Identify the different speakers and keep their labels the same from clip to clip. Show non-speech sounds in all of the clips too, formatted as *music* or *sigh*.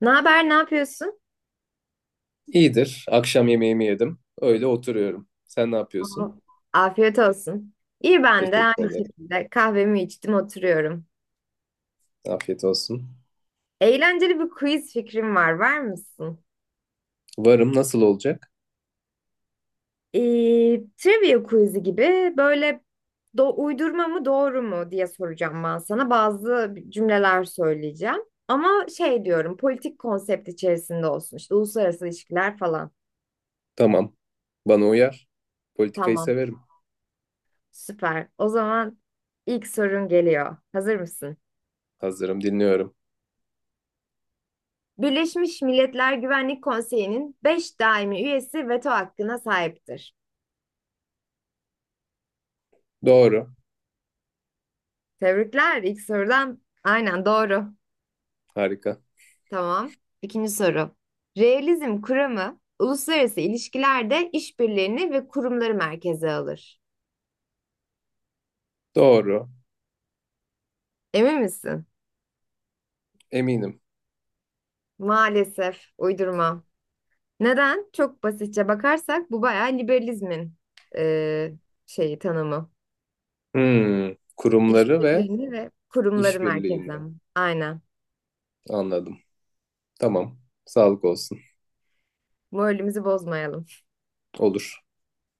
Speaker 1: Ne haber, ne yapıyorsun?
Speaker 2: İyidir. Akşam yemeğimi yedim. Öyle oturuyorum. Sen ne
Speaker 1: Aa,
Speaker 2: yapıyorsun?
Speaker 1: afiyet olsun. İyi ben de
Speaker 2: Teşekkür
Speaker 1: aynı
Speaker 2: ederim.
Speaker 1: şekilde kahvemi içtim oturuyorum.
Speaker 2: Afiyet olsun.
Speaker 1: Eğlenceli bir quiz fikrim var, var mısın?
Speaker 2: Varım, nasıl olacak?
Speaker 1: Ee, trivia quiz'i gibi böyle uydurma mı doğru mu diye soracağım ben sana. Bazı cümleler söyleyeceğim. Ama şey diyorum politik konsept içerisinde olsun işte uluslararası ilişkiler falan.
Speaker 2: Tamam. Bana uyar. Politikayı
Speaker 1: Tamam,
Speaker 2: severim.
Speaker 1: süper. O zaman ilk sorun geliyor. Hazır mısın?
Speaker 2: Hazırım, dinliyorum.
Speaker 1: Birleşmiş Milletler Güvenlik Konseyi'nin 5 daimi üyesi veto hakkına sahiptir.
Speaker 2: Doğru.
Speaker 1: Tebrikler ilk sorudan. Aynen doğru.
Speaker 2: Harika.
Speaker 1: Tamam. İkinci soru. Realizm kuramı uluslararası ilişkilerde işbirliğini ve kurumları merkeze alır.
Speaker 2: Doğru.
Speaker 1: Emin misin?
Speaker 2: Eminim.
Speaker 1: Maalesef uydurma. Neden? Çok basitçe bakarsak bu bayağı liberalizmin eee, şeyi tanımı.
Speaker 2: Hmm. Kurumları ve
Speaker 1: İşbirliğini ve kurumları merkeze.
Speaker 2: işbirliğini
Speaker 1: Aynen.
Speaker 2: anladım. Tamam. Sağlık olsun.
Speaker 1: Moralimizi bozmayalım.
Speaker 2: Olur.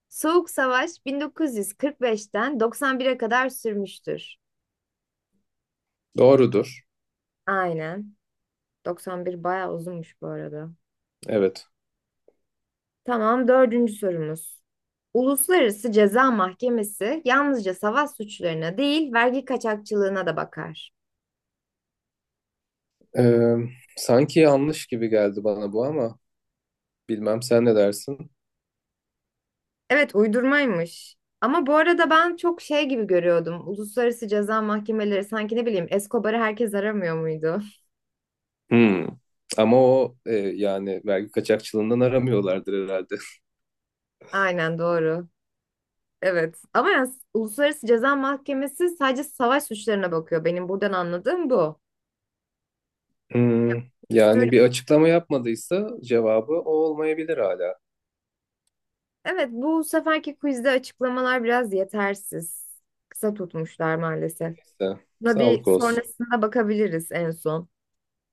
Speaker 1: Soğuk Savaş 1945'ten 91'e kadar sürmüştür.
Speaker 2: Doğrudur.
Speaker 1: Aynen. 91 bayağı uzunmuş bu arada.
Speaker 2: Evet.
Speaker 1: Tamam, dördüncü sorumuz. Uluslararası Ceza Mahkemesi yalnızca savaş suçlarına değil, vergi kaçakçılığına da bakar.
Speaker 2: Ee, Sanki yanlış gibi geldi bana bu, ama bilmem sen ne dersin?
Speaker 1: Evet, uydurmaymış. Ama bu arada ben çok şey gibi görüyordum. Uluslararası Ceza Mahkemeleri sanki ne bileyim Escobar'ı herkes aramıyor muydu?
Speaker 2: Hmm. Ama yani vergi kaçakçılığından aramıyorlardır herhalde.
Speaker 1: *laughs* Aynen doğru. Evet. Ama yani Uluslararası Ceza Mahkemesi sadece savaş suçlarına bakıyor. Benim buradan anladığım bu.
Speaker 2: Hmm. Yani
Speaker 1: Uyuşturucu-
Speaker 2: bir açıklama yapmadıysa cevabı o olmayabilir hala.
Speaker 1: Evet, bu seferki quizde açıklamalar biraz yetersiz. Kısa tutmuşlar maalesef.
Speaker 2: İşte,
Speaker 1: Buna bir
Speaker 2: sağlık olsun.
Speaker 1: sonrasında bakabiliriz en son.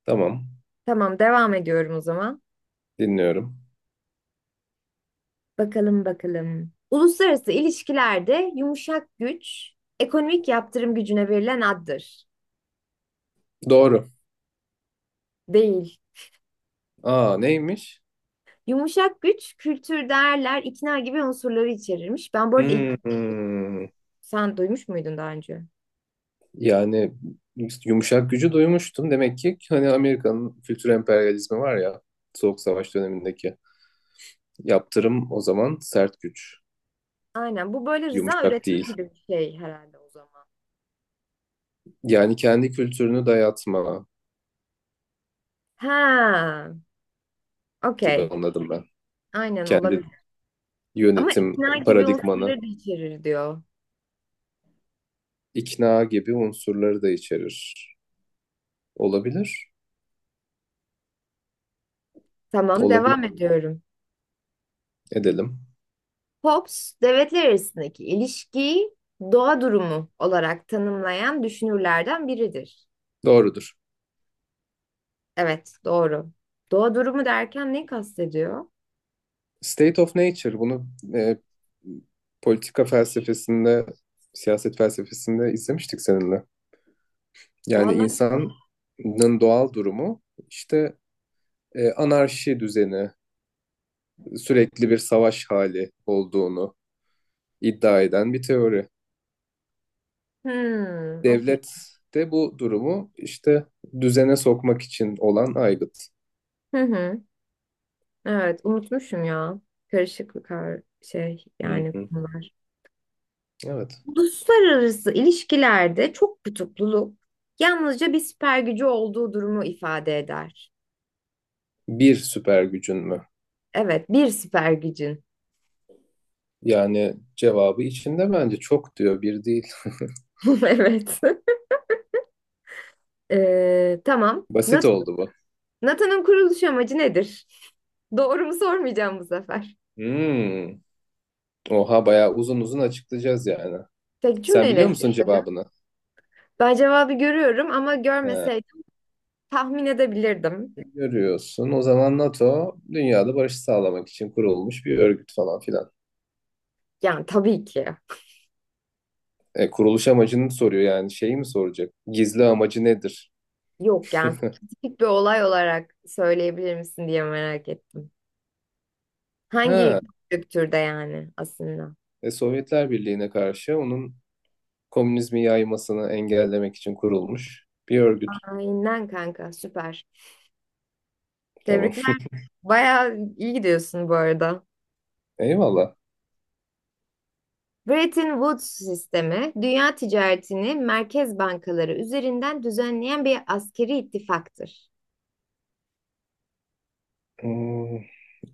Speaker 2: Tamam.
Speaker 1: Tamam, devam ediyorum o zaman.
Speaker 2: Dinliyorum.
Speaker 1: Bakalım bakalım. Uluslararası ilişkilerde yumuşak güç, ekonomik yaptırım gücüne verilen addır.
Speaker 2: Doğru.
Speaker 1: Değil.
Speaker 2: Aa, neymiş?
Speaker 1: Yumuşak güç, kültür, değerler, ikna gibi unsurları içerirmiş. Ben bu arada,
Speaker 2: Hmm.
Speaker 1: sen duymuş muydun daha önce?
Speaker 2: Yani yumuşak gücü duymuştum. Demek ki hani Amerika'nın kültür emperyalizmi var ya, Soğuk Savaş dönemindeki. Yaptırım o zaman sert güç.
Speaker 1: Aynen. Bu böyle rıza
Speaker 2: Yumuşak
Speaker 1: üretimi
Speaker 2: değil.
Speaker 1: gibi bir şey herhalde o zaman.
Speaker 2: Yani kendi kültürünü dayatma
Speaker 1: Ha,
Speaker 2: gibi
Speaker 1: okey.
Speaker 2: anladım ben.
Speaker 1: Aynen
Speaker 2: Kendi
Speaker 1: olabilir. Ama
Speaker 2: yönetim
Speaker 1: ikna gibi
Speaker 2: paradigmanı,
Speaker 1: unsurları da içerir diyor.
Speaker 2: ikna gibi unsurları da içerir. Olabilir,
Speaker 1: Tamam,
Speaker 2: olabilir
Speaker 1: devam ediyorum.
Speaker 2: edelim.
Speaker 1: Hobbes, devletler arasındaki ilişkiyi doğa durumu olarak tanımlayan düşünürlerden biridir.
Speaker 2: Doğrudur.
Speaker 1: Evet, doğru. Doğa durumu derken ne kastediyor?
Speaker 2: State of Nature bunu e, politika felsefesinde, siyaset felsefesinde izlemiştik seninle. Yani
Speaker 1: Vallahi,
Speaker 2: insanın doğal durumu işte anarşi düzeni, sürekli bir savaş hali olduğunu iddia eden bir teori.
Speaker 1: hmm, okey.
Speaker 2: Devlet de bu durumu işte düzene sokmak için olan aygıt.
Speaker 1: Hı hı. Evet, unutmuşum ya. Karışık bir şey
Speaker 2: Hı
Speaker 1: yani
Speaker 2: hı.
Speaker 1: konular.
Speaker 2: Evet.
Speaker 1: Uluslararası ilişkilerde çok kutupluluk yalnızca bir süper gücü olduğu durumu ifade eder.
Speaker 2: Bir süper gücün mü?
Speaker 1: Evet, bir süper gücün.
Speaker 2: Yani cevabı içinde, bence çok diyor bir değil. *laughs*
Speaker 1: *laughs* Evet. Tamam.
Speaker 2: Basit oldu bu.
Speaker 1: NATO'nun kuruluş amacı nedir? *laughs* Doğru mu sormayacağım bu sefer.
Speaker 2: Hmm. Oha, bayağı uzun uzun açıklayacağız yani.
Speaker 1: Tek
Speaker 2: Sen
Speaker 1: cümleyle
Speaker 2: biliyor musun
Speaker 1: açıklayacağım.
Speaker 2: cevabını?
Speaker 1: Ben cevabı görüyorum ama
Speaker 2: He.
Speaker 1: görmeseydim tahmin edebilirdim.
Speaker 2: Görüyorsun. O zaman NATO dünyada barışı sağlamak için kurulmuş bir örgüt falan filan.
Speaker 1: Yani tabii ki.
Speaker 2: E, kuruluş amacını soruyor yani şeyi mi soracak? Gizli amacı nedir?
Speaker 1: Yok yani spesifik bir olay olarak söyleyebilir misin diye merak ettim. Hangi
Speaker 2: Ha,
Speaker 1: kültürde yani aslında?
Speaker 2: Sovyetler Birliği'ne karşı onun komünizmi yaymasını engellemek için kurulmuş bir örgüt.
Speaker 1: Aynen kanka, süper.
Speaker 2: Tamam.
Speaker 1: Tebrikler. Bayağı iyi gidiyorsun bu arada.
Speaker 2: Eyvallah.
Speaker 1: Bretton Woods sistemi, dünya ticaretini merkez bankaları üzerinden düzenleyen bir askeri ittifaktır.
Speaker 2: Hmm,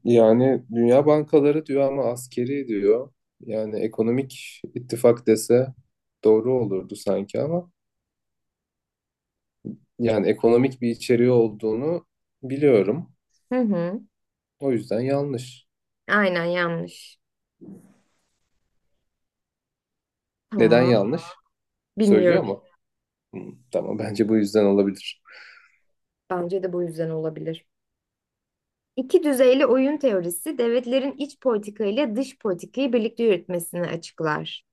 Speaker 2: yani Dünya Bankaları diyor ama askeri diyor. Yani ekonomik ittifak dese doğru olurdu sanki, ama yani ekonomik bir içeriği olduğunu biliyorum.
Speaker 1: Hı hı.
Speaker 2: O yüzden yanlış.
Speaker 1: Aynen yanlış.
Speaker 2: Neden
Speaker 1: Tamam.
Speaker 2: yanlış? Söylüyor
Speaker 1: Bilmiyorum.
Speaker 2: mu? Hmm, tamam, bence bu yüzden olabilir.
Speaker 1: Bence de bu yüzden olabilir. İki düzeyli oyun teorisi devletlerin iç politika ile dış politikayı birlikte yürütmesini açıklar.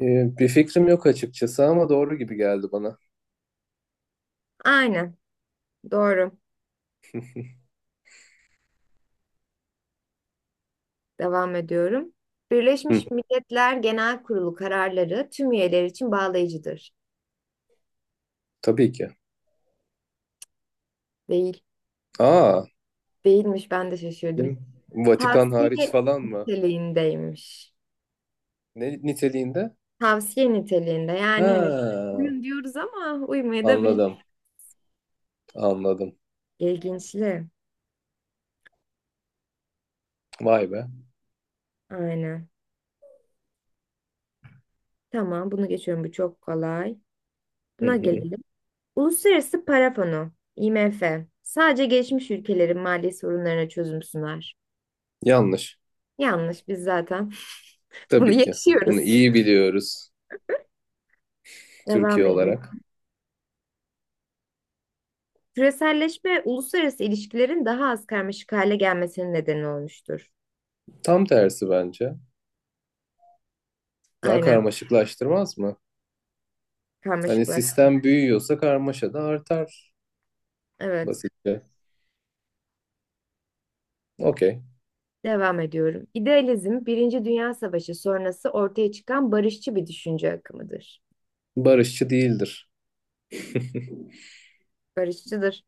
Speaker 2: Bir fikrim yok açıkçası, ama doğru gibi geldi bana.
Speaker 1: Aynen. Doğru. Devam ediyorum.
Speaker 2: Hı,
Speaker 1: Birleşmiş Milletler Genel Kurulu kararları tüm üyeler için bağlayıcıdır.
Speaker 2: tabii ki.
Speaker 1: Değil.
Speaker 2: Aa,
Speaker 1: Değilmiş, ben de şaşırdım.
Speaker 2: kim? Vatikan hariç
Speaker 1: Tavsiye
Speaker 2: falan mı?
Speaker 1: niteliğindeymiş.
Speaker 2: Ne niteliğinde?
Speaker 1: Tavsiye niteliğinde
Speaker 2: Ha,
Speaker 1: yani hani uyun diyoruz ama uymaya da bilir.
Speaker 2: anladım. Anladım.
Speaker 1: İlginçli.
Speaker 2: Vay be.
Speaker 1: Aynen. Tamam, bunu geçiyorum, bu çok kolay.
Speaker 2: Hı
Speaker 1: Buna
Speaker 2: hı.
Speaker 1: gelelim. Uluslararası Para Fonu IMF sadece gelişmiş ülkelerin mali sorunlarına çözüm sunar.
Speaker 2: Yanlış.
Speaker 1: Yanlış, biz zaten *laughs* bunu
Speaker 2: Tabii ki. Bunu
Speaker 1: yaşıyoruz.
Speaker 2: iyi biliyoruz
Speaker 1: Devam
Speaker 2: Türkiye
Speaker 1: ediyorum.
Speaker 2: olarak.
Speaker 1: Küreselleşme uluslararası ilişkilerin daha az karmaşık hale gelmesinin nedeni olmuştur.
Speaker 2: Tam tersi bence. Daha
Speaker 1: Aynen,
Speaker 2: karmaşıklaştırmaz mı? Hani
Speaker 1: karmaşıklaştı.
Speaker 2: sistem büyüyorsa karmaşa da artar
Speaker 1: Evet,
Speaker 2: basitçe. Okey.
Speaker 1: devam ediyorum. İdealizm, Birinci Dünya Savaşı sonrası ortaya çıkan barışçı bir düşünce akımıdır.
Speaker 2: Barışçı değildir.
Speaker 1: Barışçıdır.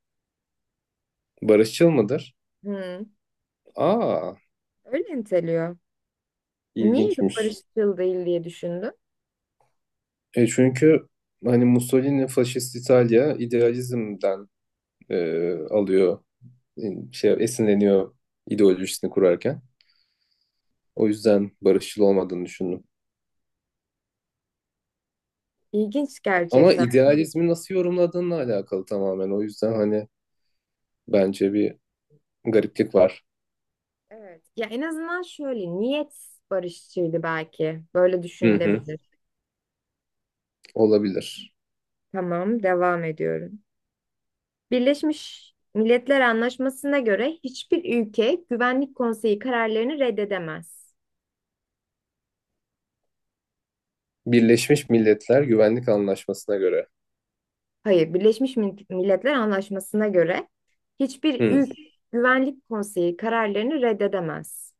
Speaker 2: Barışçıl mıdır?
Speaker 1: Hı,
Speaker 2: Aa,
Speaker 1: öyle niteliyor. Niye bir
Speaker 2: ilginçmiş.
Speaker 1: barışçıl değil diye düşündüm.
Speaker 2: E çünkü hani Mussolini faşist İtalya idealizmden alıyor, e, şey esinleniyor ideolojisini kurarken. O yüzden barışçıl olmadığını düşündüm.
Speaker 1: İlginç
Speaker 2: Ama
Speaker 1: gerçekten.
Speaker 2: idealizmi nasıl yorumladığınla alakalı tamamen. O yüzden hani bence bir gariplik var.
Speaker 1: Evet. Ya en azından şöyle, niyet barışçıydı belki. Böyle
Speaker 2: Hı hı.
Speaker 1: düşünülebilir.
Speaker 2: Olabilir.
Speaker 1: Tamam, devam ediyorum. Birleşmiş Milletler Anlaşması'na göre hiçbir ülke Güvenlik Konseyi kararlarını reddedemez.
Speaker 2: Birleşmiş Milletler Güvenlik Anlaşması'na göre.
Speaker 1: Hayır, Birleşmiş Milletler Anlaşması'na göre hiçbir
Speaker 2: Hı.
Speaker 1: ülke Güvenlik Konseyi kararlarını reddedemez.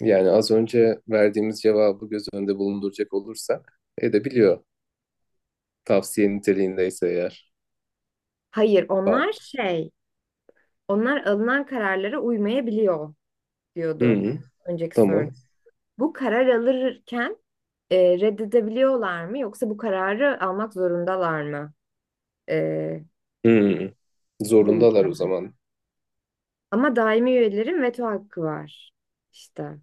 Speaker 2: Yani az önce verdiğimiz cevabı göz önünde bulunduracak olursak edebiliyor. Tavsiye niteliğindeyse eğer.
Speaker 1: Hayır,
Speaker 2: Ba-
Speaker 1: onlar şey, onlar alınan kararlara uymayabiliyor
Speaker 2: Hı
Speaker 1: diyordu
Speaker 2: hı.
Speaker 1: önceki soruda.
Speaker 2: Tamam.
Speaker 1: Bu karar alırken reddedebiliyorlar mı yoksa bu kararı almak zorundalar mı e,
Speaker 2: Hı
Speaker 1: bu
Speaker 2: Zorundalar o
Speaker 1: ülkeler?
Speaker 2: zaman.
Speaker 1: Ama daimi üyelerin veto hakkı var. İşte.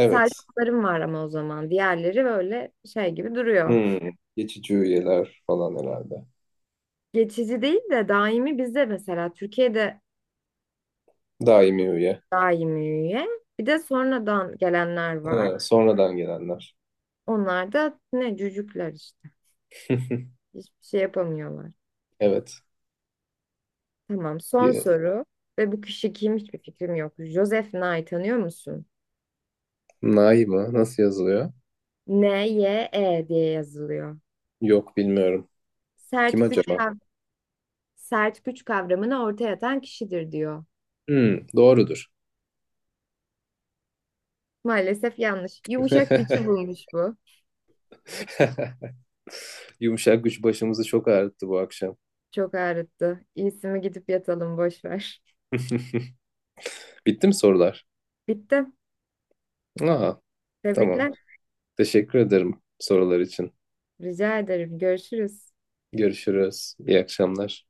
Speaker 1: Sadece onların var ama o zaman. Diğerleri böyle şey gibi duruyor.
Speaker 2: Hı. Geçici üyeler falan herhalde.
Speaker 1: Geçici değil de daimi, bizde mesela Türkiye'de
Speaker 2: Daimi üye.
Speaker 1: daimi üye. Bir de sonradan gelenler var.
Speaker 2: Ha, sonradan gelenler.
Speaker 1: Onlar da ne cücükler işte. Hiçbir şey yapamıyorlar.
Speaker 2: Evet.
Speaker 1: Tamam, son soru. Ve bu kişi kim, hiçbir fikrim yok. Joseph Nye tanıyor musun?
Speaker 2: Nay mı? Nasıl yazılıyor?
Speaker 1: Nye diye yazılıyor.
Speaker 2: Yok, bilmiyorum. Kim
Speaker 1: Sert güç
Speaker 2: acaba?
Speaker 1: kav- Sert güç kavramını ortaya atan kişidir diyor.
Speaker 2: Hmm, doğrudur.
Speaker 1: Maalesef yanlış. Yumuşak gücü
Speaker 2: *laughs*
Speaker 1: bulmuş bu.
Speaker 2: Yumuşak güç başımızı çok ağrıttı bu akşam.
Speaker 1: Çok ağrıttı. İyisi mi gidip yatalım, boş ver.
Speaker 2: *laughs* Bitti mi sorular?
Speaker 1: *laughs* Bitti.
Speaker 2: Aa, tamam.
Speaker 1: Tebrikler.
Speaker 2: Teşekkür ederim sorular için.
Speaker 1: Rica ederim. Görüşürüz.
Speaker 2: Görüşürüz. İyi akşamlar.